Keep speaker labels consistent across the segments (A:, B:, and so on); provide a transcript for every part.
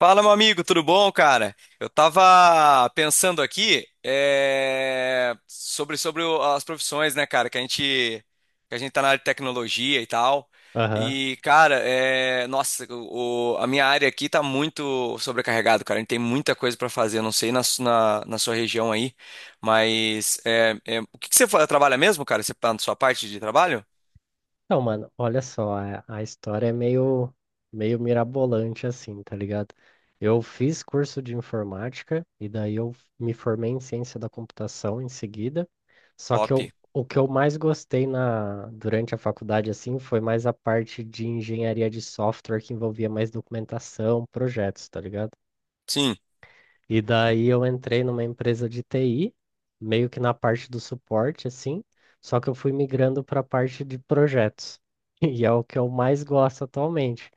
A: Fala, meu amigo, tudo bom, cara? Eu tava pensando aqui sobre, sobre as profissões, né, cara? Que a gente tá na área de tecnologia e tal.
B: Aham.
A: E, cara, nossa, a minha área aqui tá muito sobrecarregado, cara. A gente tem muita coisa pra fazer. Eu não sei na sua região aí, mas o que que você trabalha mesmo, cara? Você tá na sua parte de trabalho?
B: Então, mano, olha só, a história é meio mirabolante assim, tá ligado? Eu fiz curso de informática e daí eu me formei em ciência da computação em seguida.
A: Top.
B: O que eu mais gostei durante a faculdade assim foi mais a parte de engenharia de software que envolvia mais documentação, projetos, tá ligado?
A: Sim.
B: E daí eu entrei numa empresa de TI, meio que na parte do suporte, assim, só que eu fui migrando para a parte de projetos. E é o que eu mais gosto atualmente.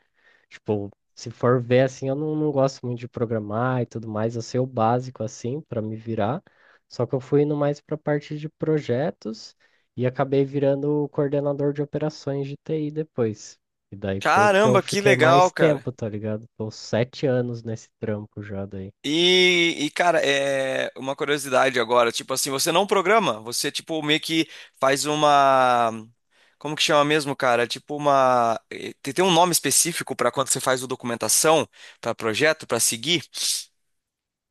B: Tipo, se for ver assim, eu não gosto muito de programar e tudo mais, eu sei o básico assim para me virar. Só que eu fui indo mais para a parte de projetos e acabei virando o coordenador de operações de TI depois. E daí foi o que eu
A: Caramba, que
B: fiquei mais
A: legal, cara.
B: tempo, tá ligado? Tô 7 anos nesse trampo já daí.
A: E, cara, é uma curiosidade agora, tipo assim, você não programa, você tipo meio que faz uma, como que chama mesmo, cara? Tipo uma, tem, tem um nome específico para quando você faz o documentação para projeto, para seguir.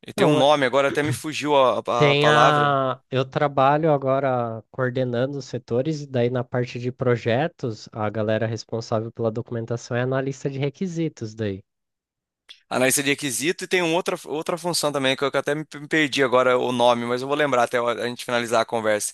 A: E tem um
B: Então,
A: nome, agora até me fugiu a palavra.
B: Eu trabalho agora coordenando os setores, e daí na parte de projetos, a galera responsável pela documentação é analista de requisitos daí.
A: Analista de requisito e tem uma outra, outra função também que eu até me perdi agora o nome, mas eu vou lembrar até a a gente finalizar a conversa.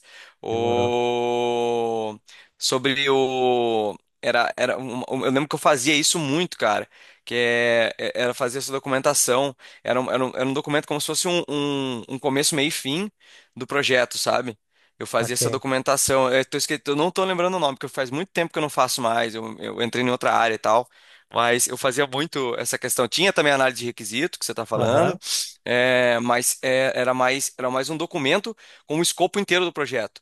B: Demorou.
A: O... Sobre o. Eu lembro que eu fazia isso muito, cara. Que era fazer essa documentação. Era um documento como se fosse um começo, meio e fim do projeto, sabe? Eu fazia essa
B: Saquei.
A: documentação. Eu, eu não tô lembrando o nome, porque faz muito tempo que eu não faço mais. Eu entrei em outra área e tal. Mas eu fazia muito essa questão. Tinha também análise de requisito, que você está
B: Aham,
A: falando, é, mas era mais um documento com o escopo inteiro do projeto.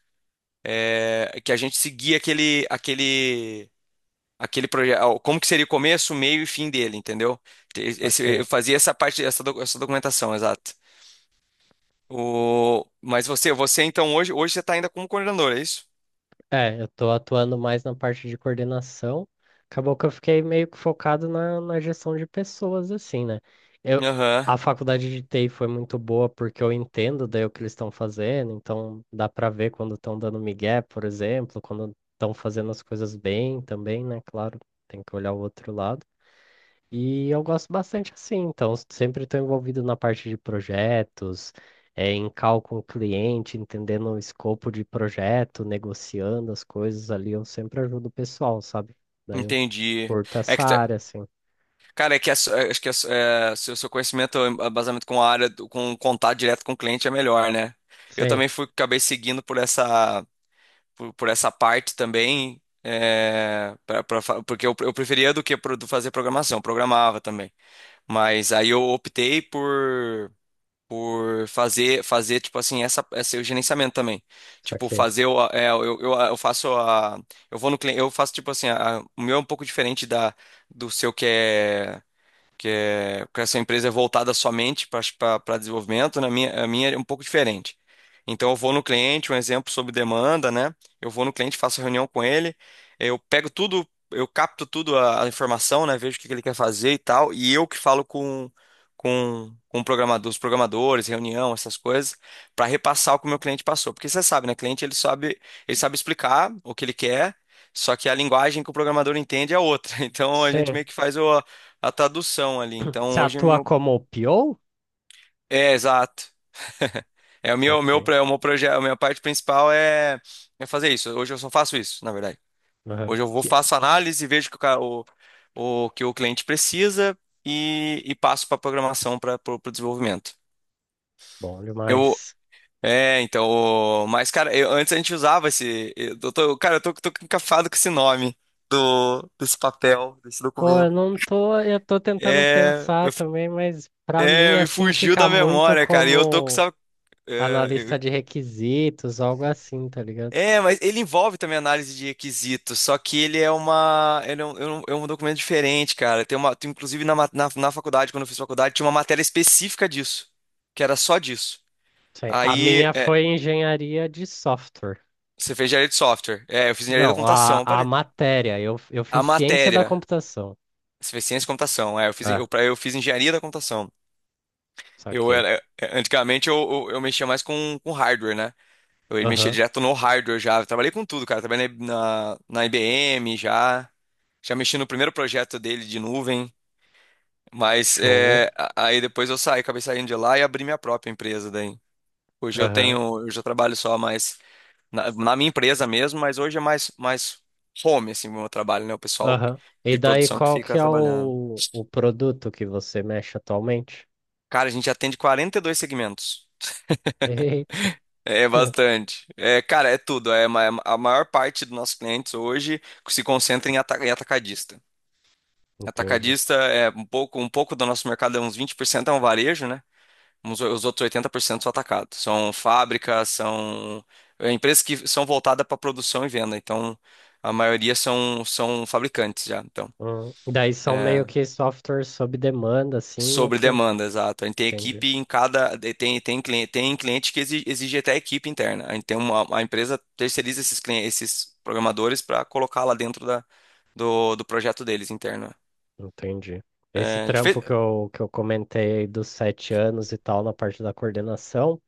A: É, que a gente seguia aquele projeto. Como que seria o começo, o meio e fim dele, entendeu?
B: saquei.
A: Eu fazia essa parte, essa documentação, exato. O, mas você então hoje você está ainda como coordenador, é isso?
B: É, eu tô atuando mais na parte de coordenação. Acabou que eu fiquei meio que focado na gestão de pessoas, assim, né? Eu,
A: Aham,
B: a faculdade de TI foi muito boa porque eu entendo daí o que eles estão fazendo, então dá pra ver quando estão dando migué, por exemplo, quando estão fazendo as coisas bem também, né? Claro, tem que olhar o outro lado. E eu gosto bastante assim, então sempre estou envolvido na parte de projetos, em call com o cliente, entendendo o escopo de projeto, negociando as coisas ali, eu sempre ajudo o pessoal, sabe? Daí eu
A: entendi.
B: curto
A: É
B: essa
A: que, tá,
B: área, assim.
A: cara, é que é, acho que é, se o seu conhecimento é baseado com a área, com contato direto com o cliente é melhor, né? Eu
B: Sim,
A: também fui, acabei seguindo por essa, por essa parte também, é, porque eu preferia do que do fazer programação, programava também. Mas aí eu optei por fazer, fazer tipo assim, essa, esse gerenciamento também. Tipo,
B: saquei.
A: fazer, eu faço a, eu vou no cliente, eu faço tipo assim, o meu é um pouco diferente da, do seu que essa empresa é voltada somente para desenvolvimento, na minha, a minha é um pouco diferente. Então eu vou no cliente, um exemplo sobre demanda, né? Eu vou no cliente, faço reunião com ele, eu pego tudo, eu capto tudo a informação, né? Vejo o que que ele quer fazer e tal, e eu que falo com o programador, os programadores, reunião, essas coisas, para repassar o que o meu cliente passou. Porque você sabe, né? Cliente ele sabe explicar o que ele quer. Só que a linguagem que o programador entende é outra. Então a gente
B: Sim.
A: meio que faz o, a tradução ali.
B: Você
A: Então hoje é
B: atua
A: meu...
B: como PO?
A: É, exato. É o meu, meu,
B: Saquei.
A: pro- é o meu projeto, a minha parte principal é, é fazer isso. Hoje eu só faço isso, na verdade.
B: Aham.
A: Hoje eu vou
B: Que
A: faço análise, vejo que o que o cliente precisa e passo para programação para o desenvolvimento.
B: bom
A: Eu
B: demais.
A: é, então, mas cara, antes a gente usava esse, eu tô, cara, tô encafado com esse nome do desse papel, desse
B: Pô, eu
A: documento.
B: não tô, eu tô tentando
A: É,
B: pensar
A: eu, f-
B: também, mas pra mim
A: é, me
B: assim
A: fugiu
B: fica
A: da
B: muito
A: memória, cara. E eu tô com,
B: como
A: sabe,
B: analista de requisitos, algo assim, tá ligado?
A: é, mas ele envolve também análise de requisitos, só que ele é um, é um documento diferente, cara. Inclusive na, na faculdade, quando eu fiz faculdade, tinha uma matéria específica disso, que era só disso.
B: Sim. A
A: Aí,
B: minha
A: é,
B: foi engenharia de software.
A: você fez engenharia de software. É, eu fiz engenharia da
B: Não, a,
A: computação,
B: a
A: parei.
B: matéria, eu
A: A
B: fiz ciência da
A: matéria,
B: computação.
A: você fez ciência de computação. É, eu fiz,
B: Ah,
A: eu fiz engenharia da computação. Eu
B: saquei.
A: era, é, antigamente eu mexia mais com hardware, né? Eu mexia
B: Aham,
A: direto no hardware já. Eu trabalhei com tudo, cara. Trabalhei na IBM já. Já mexi no primeiro projeto dele de nuvem. Mas
B: show.
A: é, aí depois eu saí, acabei saindo de lá e abri minha própria empresa daí. Hoje eu
B: Aham,
A: tenho, hoje eu já trabalho só mais na minha empresa mesmo, mas hoje é mais, mais home, assim, o meu trabalho, né? O pessoal
B: aham. E
A: de
B: daí,
A: produção que
B: qual que
A: fica
B: é
A: trabalhando.
B: o produto que você mexe atualmente?
A: Cara, a gente atende 42 segmentos. É bastante. É, cara, é tudo. É, a maior parte dos nossos clientes hoje se concentra em, em atacadista.
B: Entendi.
A: Atacadista é um pouco do nosso mercado, é uns 20% é um varejo, né? Os outros 80% são atacados. São fábricas, são é, empresas que são voltadas para produção e venda. Então, a maioria são, são fabricantes já. Então.
B: Daí são meio
A: É,
B: que softwares sob demanda, assim, o
A: sobre
B: que eu
A: demanda, exato. A gente tem
B: entendi.
A: equipe em cada. Cliente, tem cliente que exige, até equipe interna. A gente tem uma, a empresa terceiriza esses esses programadores para colocar lá dentro da, do projeto deles interno.
B: Entendi. Esse
A: É, a gente fez.
B: trampo que que eu comentei aí dos 7 anos e tal, na parte da coordenação,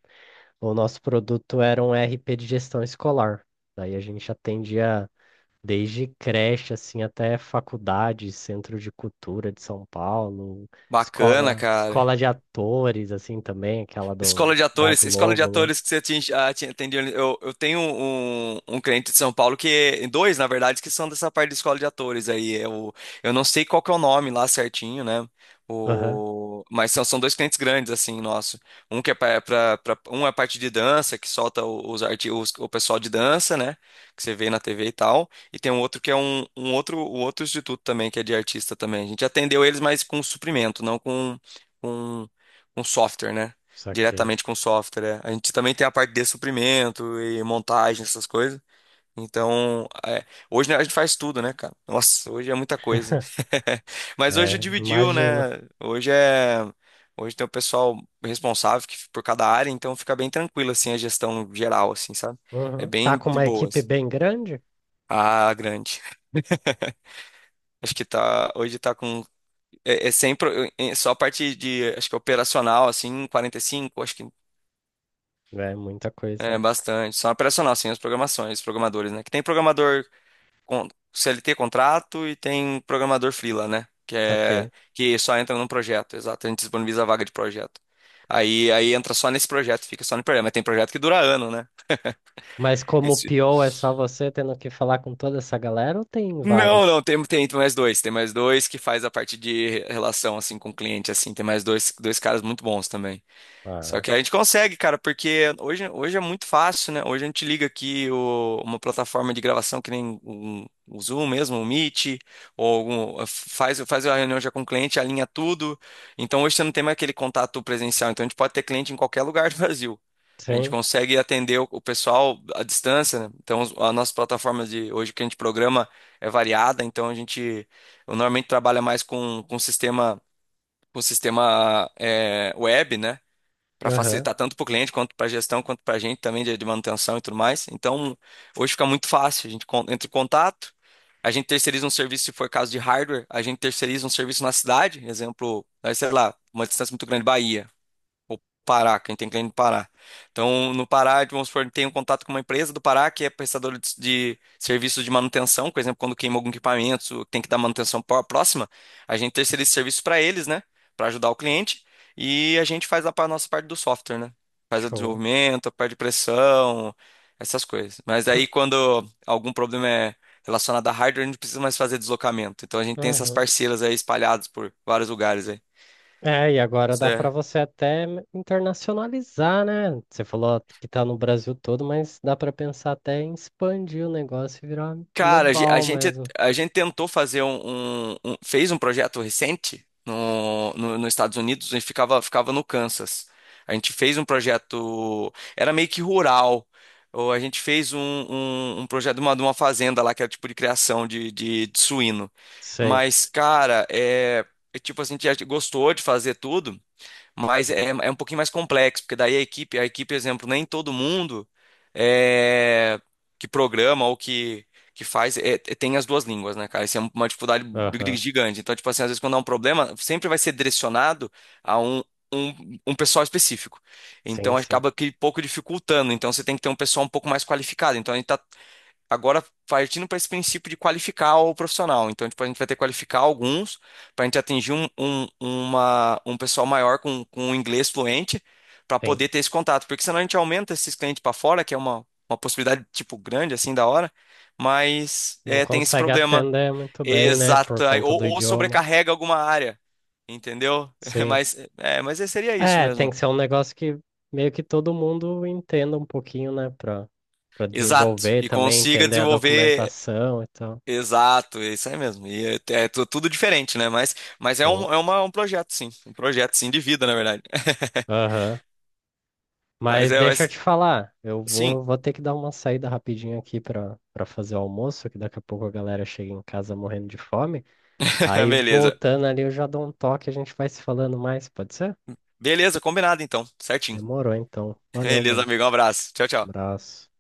B: o nosso produto era um RP de gestão escolar. Daí a gente atendia desde creche, assim, até faculdade, centro de cultura de São Paulo,
A: Bacana,
B: escola,
A: cara.
B: escola de atores, assim, também, aquela da
A: Escola de
B: Globo lá.
A: atores que você atendeu. Eu tenho um, um cliente de São Paulo que, dois, na verdade, que são dessa parte de escola de atores aí. Eu não sei qual que é o nome lá certinho, né?
B: Aham,
A: O, mas são, são dois clientes grandes, assim, nosso. Um que é pra um é a parte de dança, que solta os, os o pessoal de dança, né? Que você vê na TV e tal. E tem um outro que é um, um outro instituto também, que é de artista também. A gente atendeu eles, mas com suprimento, não com, com software, né?
B: saquei.
A: Diretamente com o software. É. A gente também tem a parte de suprimento e montagem, essas coisas. Então, é, hoje né, a gente faz tudo, né, cara? Nossa, hoje é muita coisa. Mas hoje
B: É,
A: dividiu, né?
B: imagino.
A: Hoje é. Hoje tem o pessoal responsável por cada área, então fica bem tranquilo, assim, a gestão geral, assim, sabe? É
B: Uhum. Tá
A: bem
B: com
A: de
B: uma equipe
A: boas.
B: bem grande?
A: Ah, grande. Acho que tá. Hoje tá com. É, é sempre. É só a parte de. Acho que operacional, assim, 45, acho que
B: É, muita coisa,
A: é,
B: né?
A: bastante. São operacional, sim, as programações, os programadores, né? Que tem programador com CLT contrato e tem programador freela, né? Que é
B: Saquei.
A: que só entra num projeto, exato. A gente disponibiliza a vaga de projeto. Aí entra só nesse projeto, fica só no projeto. Mas tem projeto que dura ano, né?
B: Mas como
A: Esse-
B: PO é só você tendo que falar com toda essa galera ou tem
A: Não,
B: vários?
A: não, tem mais dois. Tem mais dois que faz a parte de relação, assim, com o cliente, assim. Tem mais dois, dois caras muito bons também. Só
B: Ah,
A: que a gente consegue, cara, porque hoje é muito fácil, né? Hoje a gente liga aqui uma plataforma de gravação que nem o Zoom mesmo, o Meet, ou faz, faz a reunião já com o cliente, alinha tudo. Então hoje você não tem mais aquele contato presencial. Então a gente pode ter cliente em qualquer lugar do Brasil. A gente
B: sim.
A: consegue atender o pessoal à distância, né? A nossa plataforma de hoje que a gente programa é variada. Então a gente eu normalmente trabalha mais com sistema web, né? Para
B: Aham.
A: facilitar tanto para o cliente quanto para a gestão, quanto para a gente também de manutenção e tudo mais. Então, hoje fica muito fácil. A gente entra em contato, a gente terceiriza um serviço se for caso de hardware, a gente terceiriza um serviço na cidade, exemplo, aí, sei lá, uma distância muito grande, Bahia ou Pará, quem tem cliente no Pará. Então, no Pará, vamos supor, tem um contato com uma empresa do Pará que é prestadora de serviços de manutenção, por exemplo, quando queima algum equipamento, tem que dar manutenção próxima, a gente terceiriza esse serviço para eles, né, para ajudar o cliente, e a gente faz a nossa parte do software, né? Faz o
B: Show.
A: desenvolvimento, a parte de pressão, essas coisas. Mas aí quando algum problema é relacionado a hardware, a gente não precisa mais fazer deslocamento. Então a gente tem essas
B: Aham.
A: parceiras aí espalhadas por vários lugares aí.
B: É, e agora dá para você até internacionalizar, né? Você falou que tá no Brasil todo, mas dá para pensar até em expandir o negócio e virar
A: Cara,
B: global mesmo.
A: a gente tentou fazer um, fez um projeto recente no, nos Estados Unidos, a gente ficava, ficava no Kansas. A gente fez um projeto, era meio que rural. Ou a gente fez um, um projeto de uma fazenda lá, que era tipo de criação de suíno.
B: Sei.
A: Mas, cara, é, é tipo assim, a gente gostou de fazer tudo. Mas é, é um pouquinho mais complexo, porque daí a equipe, exemplo, nem todo mundo é, que programa ou que faz tem as duas línguas, né, cara? Isso é uma dificuldade
B: Aham.
A: gigante. Então, tipo assim, às vezes quando há um problema, sempre vai ser direcionado a um pessoal específico.
B: Sim,
A: Então,
B: sim,
A: acaba que pouco dificultando. Então, você tem que ter um pessoal um pouco mais qualificado. Então, a gente tá agora partindo para esse princípio de qualificar o profissional. Então, tipo, a gente vai ter que qualificar alguns para a gente atingir um pessoal maior com inglês fluente para
B: sim.
A: poder ter esse contato. Porque senão a gente aumenta esses clientes para fora, que é uma possibilidade, tipo, grande, assim, da hora. Mas
B: Não
A: é, tem esse
B: consegue
A: problema.
B: atender muito bem, né? Por
A: Exato. Aí,
B: conta
A: Ou,
B: do
A: ou
B: idioma.
A: sobrecarrega alguma área. Entendeu?
B: Sim.
A: Mas, é, mas seria isso
B: É, tem
A: mesmo.
B: que ser um negócio que meio que todo mundo entenda um pouquinho, né? Pra
A: Exato.
B: desenvolver
A: E
B: também,
A: consiga
B: entender a
A: desenvolver.
B: documentação e tal.
A: Exato, é isso aí mesmo. E é, tudo diferente, né? Mas é
B: Show.
A: um, é uma, um projeto, sim. Um projeto, sim, de vida, na verdade.
B: Aham.
A: Mas
B: Mas
A: é,
B: deixa eu te
A: mas,
B: falar, eu
A: sim,
B: vou ter que dar uma saída rapidinho aqui pra fazer o almoço, que daqui a pouco a galera chega em casa morrendo de fome. Aí
A: beleza.
B: voltando ali eu já dou um toque, a gente vai se falando mais, pode ser?
A: Beleza, combinado então, certinho.
B: Demorou então. Valeu,
A: Beleza,
B: mano.
A: amigo, um abraço. Tchau, tchau.
B: Abraço.